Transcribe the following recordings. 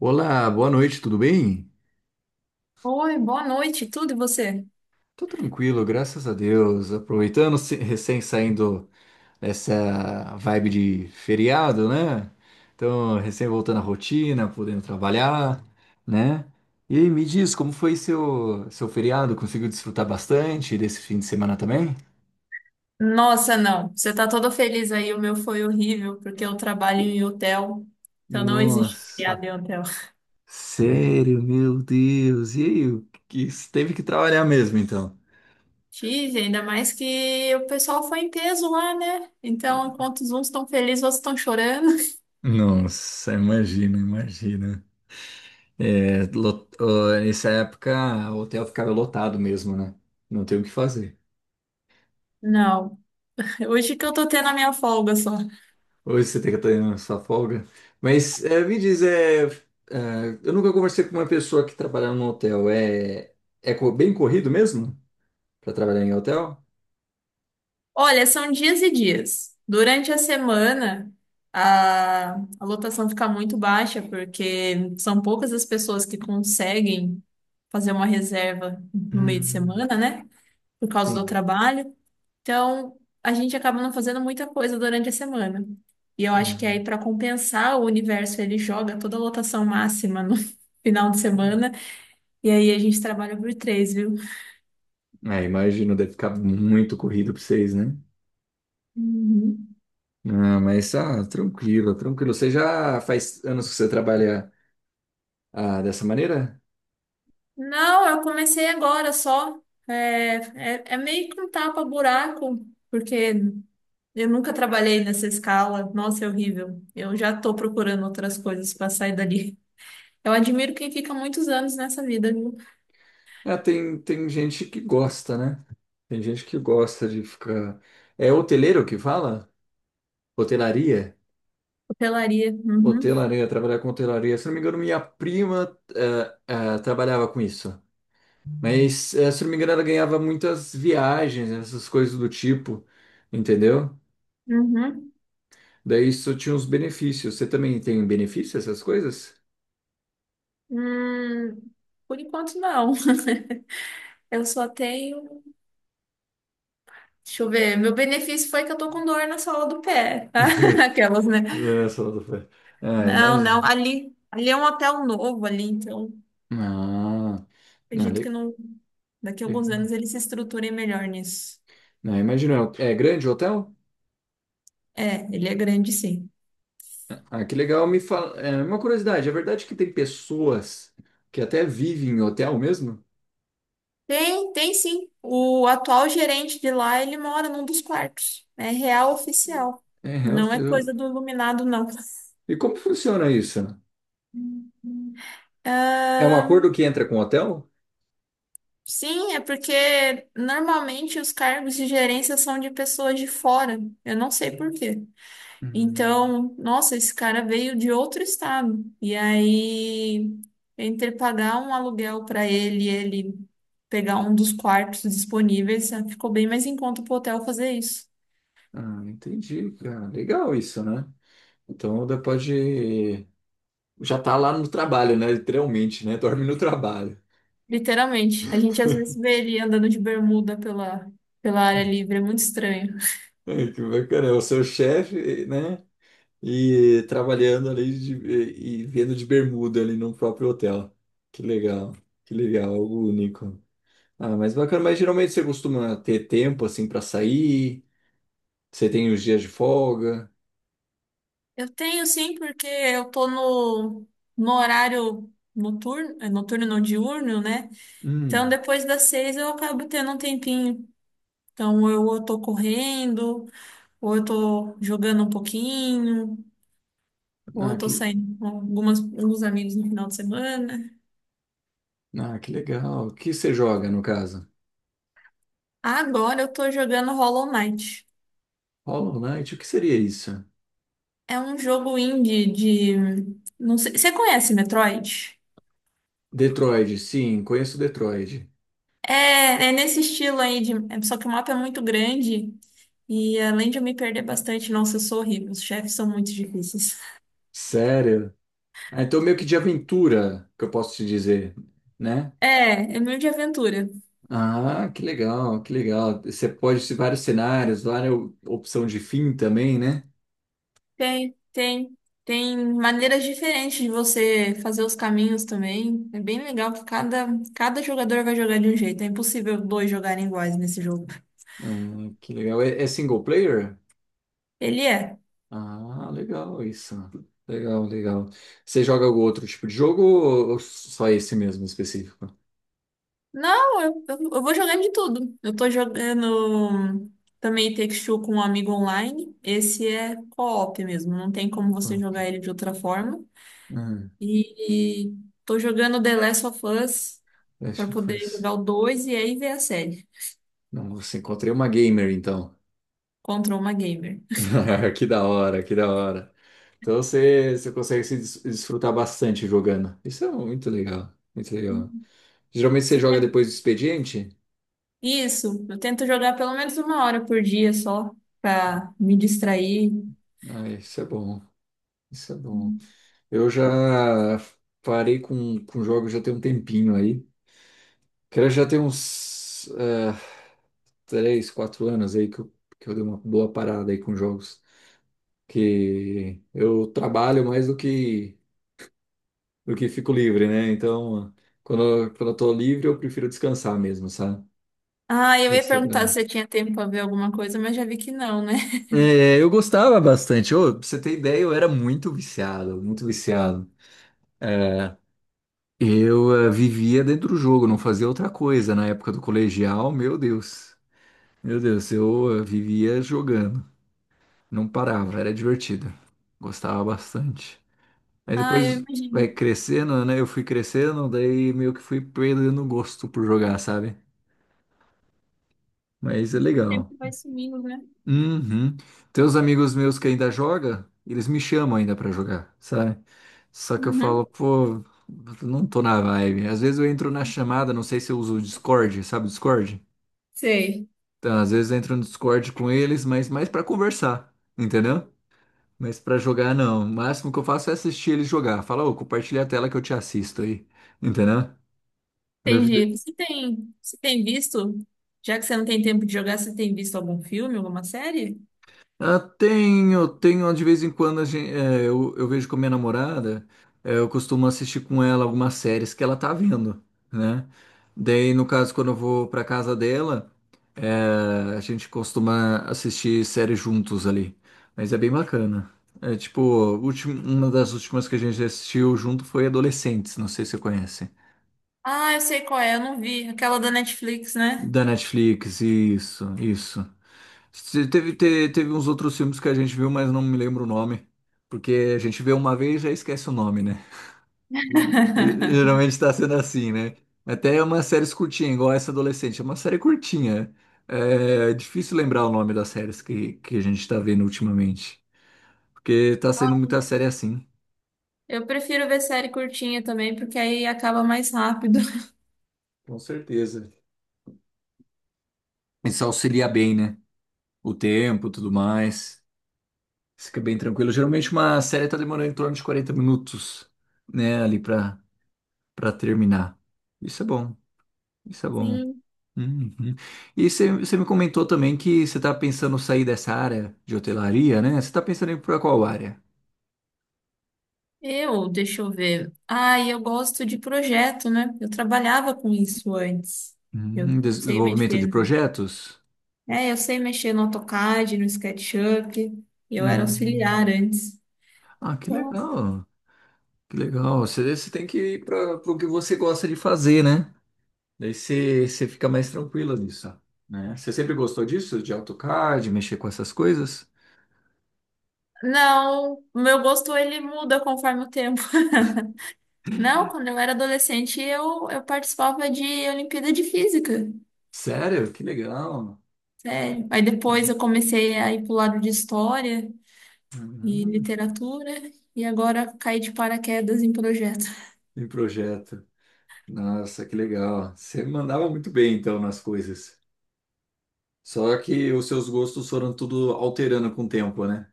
Olá, boa noite, tudo bem? Oi, boa noite, tudo e você? Tô tranquilo, graças a Deus. Aproveitando, recém saindo dessa vibe de feriado, né? Então, recém voltando à rotina, podendo trabalhar, né? E aí, me diz, como foi seu feriado? Conseguiu desfrutar bastante desse fim de semana também? Nossa, não, você tá todo feliz aí, o meu foi horrível, porque eu trabalho em hotel, então não existe Nossa, feriado em hotel. sério, meu Deus. E aí, teve que trabalhar mesmo, então? Tive, ainda mais que o pessoal foi em peso lá, né? Então, enquanto os uns estão felizes, outros estão chorando. Nossa, imagina, imagina. É, ó, nessa época, o hotel ficava lotado mesmo, né? Não tem o que fazer. Não, hoje que eu tô tendo a minha folga só. Hoje você tem que ter a sua folga. Mas é, me diz, eu nunca conversei com uma pessoa que trabalhava no hotel. É, bem corrido mesmo para trabalhar em hotel? Olha, são dias e dias. Durante a semana, a, a lotação fica muito baixa, porque são poucas as pessoas que conseguem fazer uma reserva no meio de Hum. semana, né? Por causa do Sim. trabalho. Então, a gente acaba não fazendo muita coisa durante a semana. E eu acho que Não. aí, para compensar, o universo ele joga toda a lotação máxima no final de semana. E aí a gente trabalha por três, viu? É, imagino, deve ficar muito corrido para vocês, né? Uhum. Ah, mas tranquilo, tranquilo. Você já faz anos que você trabalha ah, dessa maneira? Não, eu comecei agora só. É, é meio que um tapa-buraco, porque eu nunca trabalhei nessa escala. Nossa, é horrível. Eu já tô procurando outras coisas para sair dali. Eu admiro quem fica muitos anos nessa vida, viu? É, tem gente que gosta, né? Tem gente que gosta de ficar. É hoteleiro que fala? Hotelaria? Hotelaria. Uhum, Hotelaria, trabalhar com hotelaria. Se não me engano, minha prima trabalhava com isso. Mas, eh, se não me engano, ela ganhava muitas viagens, essas coisas do tipo, entendeu? uhum. Daí isso tinha uns benefícios. Você também tem benefício, essas coisas? Hum, por enquanto, não. Eu só tenho. Deixa eu ver. Meu benefício foi que eu tô com dor na sola do pé. Aquelas, né? Não, é só do pé. Ah, Não, imagina. não. Ali é um hotel novo ali, então. Ah, não, Acredito que le- não, daqui a alguns legal. anos ele se estruture melhor nisso. Não, imagina. É grande o hotel? É, ele é grande, sim. Ah, que legal. Me fala, é uma curiosidade, é verdade que tem pessoas que até vivem em hotel mesmo? Tem, tem sim. O atual gerente de lá, ele mora num dos quartos. É real oficial. É, é, Não é coisa eu- do iluminado, não. E como funciona isso? É um acordo que entra com o hotel? Sim, é porque normalmente os cargos de gerência são de pessoas de fora. Eu não sei por quê. Hum. Então, nossa, esse cara veio de outro estado. E aí, entre pagar um aluguel para ele, e ele pegar um dos quartos disponíveis, ficou bem mais em conta pro hotel fazer isso. Ah, entendi, cara. Legal isso, né? Então pode já tá lá no trabalho, né? Literalmente, né? Dorme no trabalho. Literalmente. A gente às vezes vê ele andando de bermuda pela, pela área livre, é muito estranho. Ai, que bacana, é o seu chefe, né? E trabalhando e vendo de bermuda ali no próprio hotel. Que legal, que legal, algo único. Ah, mas bacana, mas geralmente você costuma ter tempo assim para sair? Você tem os dias de folga? Eu tenho sim, porque eu tô no horário noturno, é, noturno não diurno, né? Então, Hum, depois das seis eu acabo tendo um tempinho. Então, eu tô correndo. Ou eu tô jogando um pouquinho, ou eu ah, tô que, saindo com algumas, alguns amigos no final de semana. ah, que legal. O que você joga no caso? Agora eu tô jogando Hollow Knight. Hollow Knight, o que seria isso? É um jogo indie de. Não sei, você conhece Metroid? Detroit, sim, conheço Detroit. É, é nesse estilo aí, só que o mapa é muito grande e além de eu me perder bastante, nossa, eu sou horrível. Os chefes são muito difíceis. Sério? Ah, então meio que de aventura que eu posso te dizer, né? É, é meio de aventura. Ah, que legal, que legal. Você pode ter vários cenários, várias opção de fim também, né? Tem, tem maneiras diferentes de você fazer os caminhos também. É bem legal que cada, cada jogador vai jogar de um jeito. É impossível dois jogarem iguais nesse jogo. Ah, que legal. É, é single player? Ele é. Ah, legal isso. Legal, legal. Você joga algum outro tipo de jogo ou só esse mesmo específico? Não, eu vou jogando de tudo. Eu tô jogando também Takes Two com um amigo online. Esse é co-op mesmo. Não tem como você Ok. jogar ele de outra forma. Hum. E tô jogando The Last of Us Last para of poder Us. jogar o 2 e aí ver a série. Não, você encontrei uma gamer então. Contra uma gamer. Que da hora, que da hora. Então você consegue se desfrutar bastante jogando. Isso é muito legal, muito legal. Geralmente você Você joga tem... depois do expediente? Isso, eu tento jogar pelo menos uma hora por dia só pra me distrair. Ah, isso é bom, isso é bom. Eu já parei com jogos já tem um tempinho aí. Cara, já tem uns. Eh, 3, 4 anos aí que eu dei uma boa parada aí com jogos. Que eu trabalho mais do que fico livre, né? Então, quando eu tô livre, eu prefiro descansar mesmo, sabe? Ah, eu Eu ia sei, perguntar né? se você tinha tempo pra ver alguma coisa, mas já vi que não, né? É, eu gostava bastante. Ô, pra você ter ideia, eu era muito viciado, muito viciado. É, vivia dentro do jogo, não fazia outra coisa. Na época do colegial, meu Deus, vivia jogando, não parava, era divertido, gostava bastante. Mas Ah, eu depois vai imagino. crescendo, né? Eu fui crescendo, daí meio que fui perdendo o gosto por jogar, sabe? Mas é O legal. tempo vai sumindo, né? Uhum. Tem uns amigos meus que ainda joga, eles me chamam ainda pra jogar, sabe? Só que eu Uhum. falo, pô, não tô na vibe. Às vezes eu entro na chamada, não sei se eu uso o Discord, sabe o Discord? Sei, Então, às vezes eu entro no Discord com eles, mas mais pra conversar, entendeu? Mas pra jogar, não. O máximo que eu faço é assistir eles jogar. Fala, ô, compartilha a tela que eu te assisto aí, entendeu? entendi. Você tem visto? Já que você não tem tempo de jogar, você tem visto algum filme, alguma série? Ah, tenho, tenho de vez em quando eu vejo com a minha namorada, eh, eu costumo assistir com ela algumas séries que ela tá vendo, né? Daí, no caso, quando eu vou pra casa dela, eh, a gente costuma assistir séries juntos ali. Mas é bem bacana. É tipo, uma das últimas que a gente assistiu junto foi Adolescentes, não sei se você conhece. Ah, eu sei qual é, eu não vi. Aquela da Netflix, né? Da Netflix, isso, isso. Teve uns outros filmes que a gente viu, mas não me lembro o nome. Porque a gente vê uma vez e já esquece o nome, né? Geralmente está sendo assim, né? Até umas séries curtinhas, igual essa adolescente. É uma série curtinha. É difícil lembrar o nome das séries que a gente está vendo ultimamente. Porque tá saindo muita série assim. Eu prefiro ver série curtinha também, porque aí acaba mais rápido. Com certeza. Isso auxilia bem, né? O tempo, tudo mais. Fica bem tranquilo. Geralmente uma série tá demorando em torno de 40 minutos, né? Ali pra para terminar. Isso é bom, isso é bom. Sim. Uhum. E você me comentou também que você está pensando sair dessa área de hotelaria, né? Você está pensando em ir para qual área? Eu, deixa eu ver. Ah, eu gosto de projeto, né? Eu trabalhava com isso antes. Eu sei Desenvolvimento de mexer no... projetos? É, eu sei mexer no AutoCAD, no SketchUp. Eu era auxiliar Hum. antes. Ah, que Então, legal, que legal. Você tem que ir para o que você gosta de fazer, né? Daí você fica mais tranquila nisso, né? Você sempre gostou disso, de AutoCAD, mexer com essas coisas? não, o meu gosto ele muda conforme o tempo. Não, quando eu era adolescente, eu participava de Olimpíada de Física. Sério? Que legal. Sério. Aí depois eu comecei a ir pro lado de História e Uhum. Literatura. E agora caí de paraquedas em projeto. Em projeto. Nossa, que legal. Você mandava muito bem, então, nas coisas. Só que os seus gostos foram tudo alterando com o tempo, né?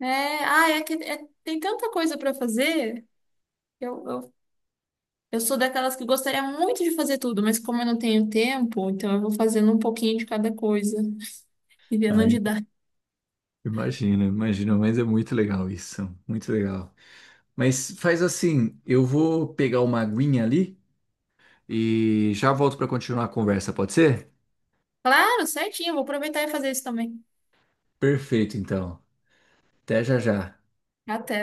É, ah, é que é- tem tanta coisa para fazer. Eu, eu, eu sou daquelas que gostaria muito de fazer tudo, mas como eu não tenho tempo, então eu vou fazendo um pouquinho de cada coisa e vendo Ai, onde dá. imagina, imagina, mas é muito legal isso, muito legal. Mas faz assim, eu vou pegar uma aguinha ali e já volto para continuar a conversa, pode ser? Claro, certinho, eu vou aproveitar e fazer isso também. Perfeito, então. Até já já. Até.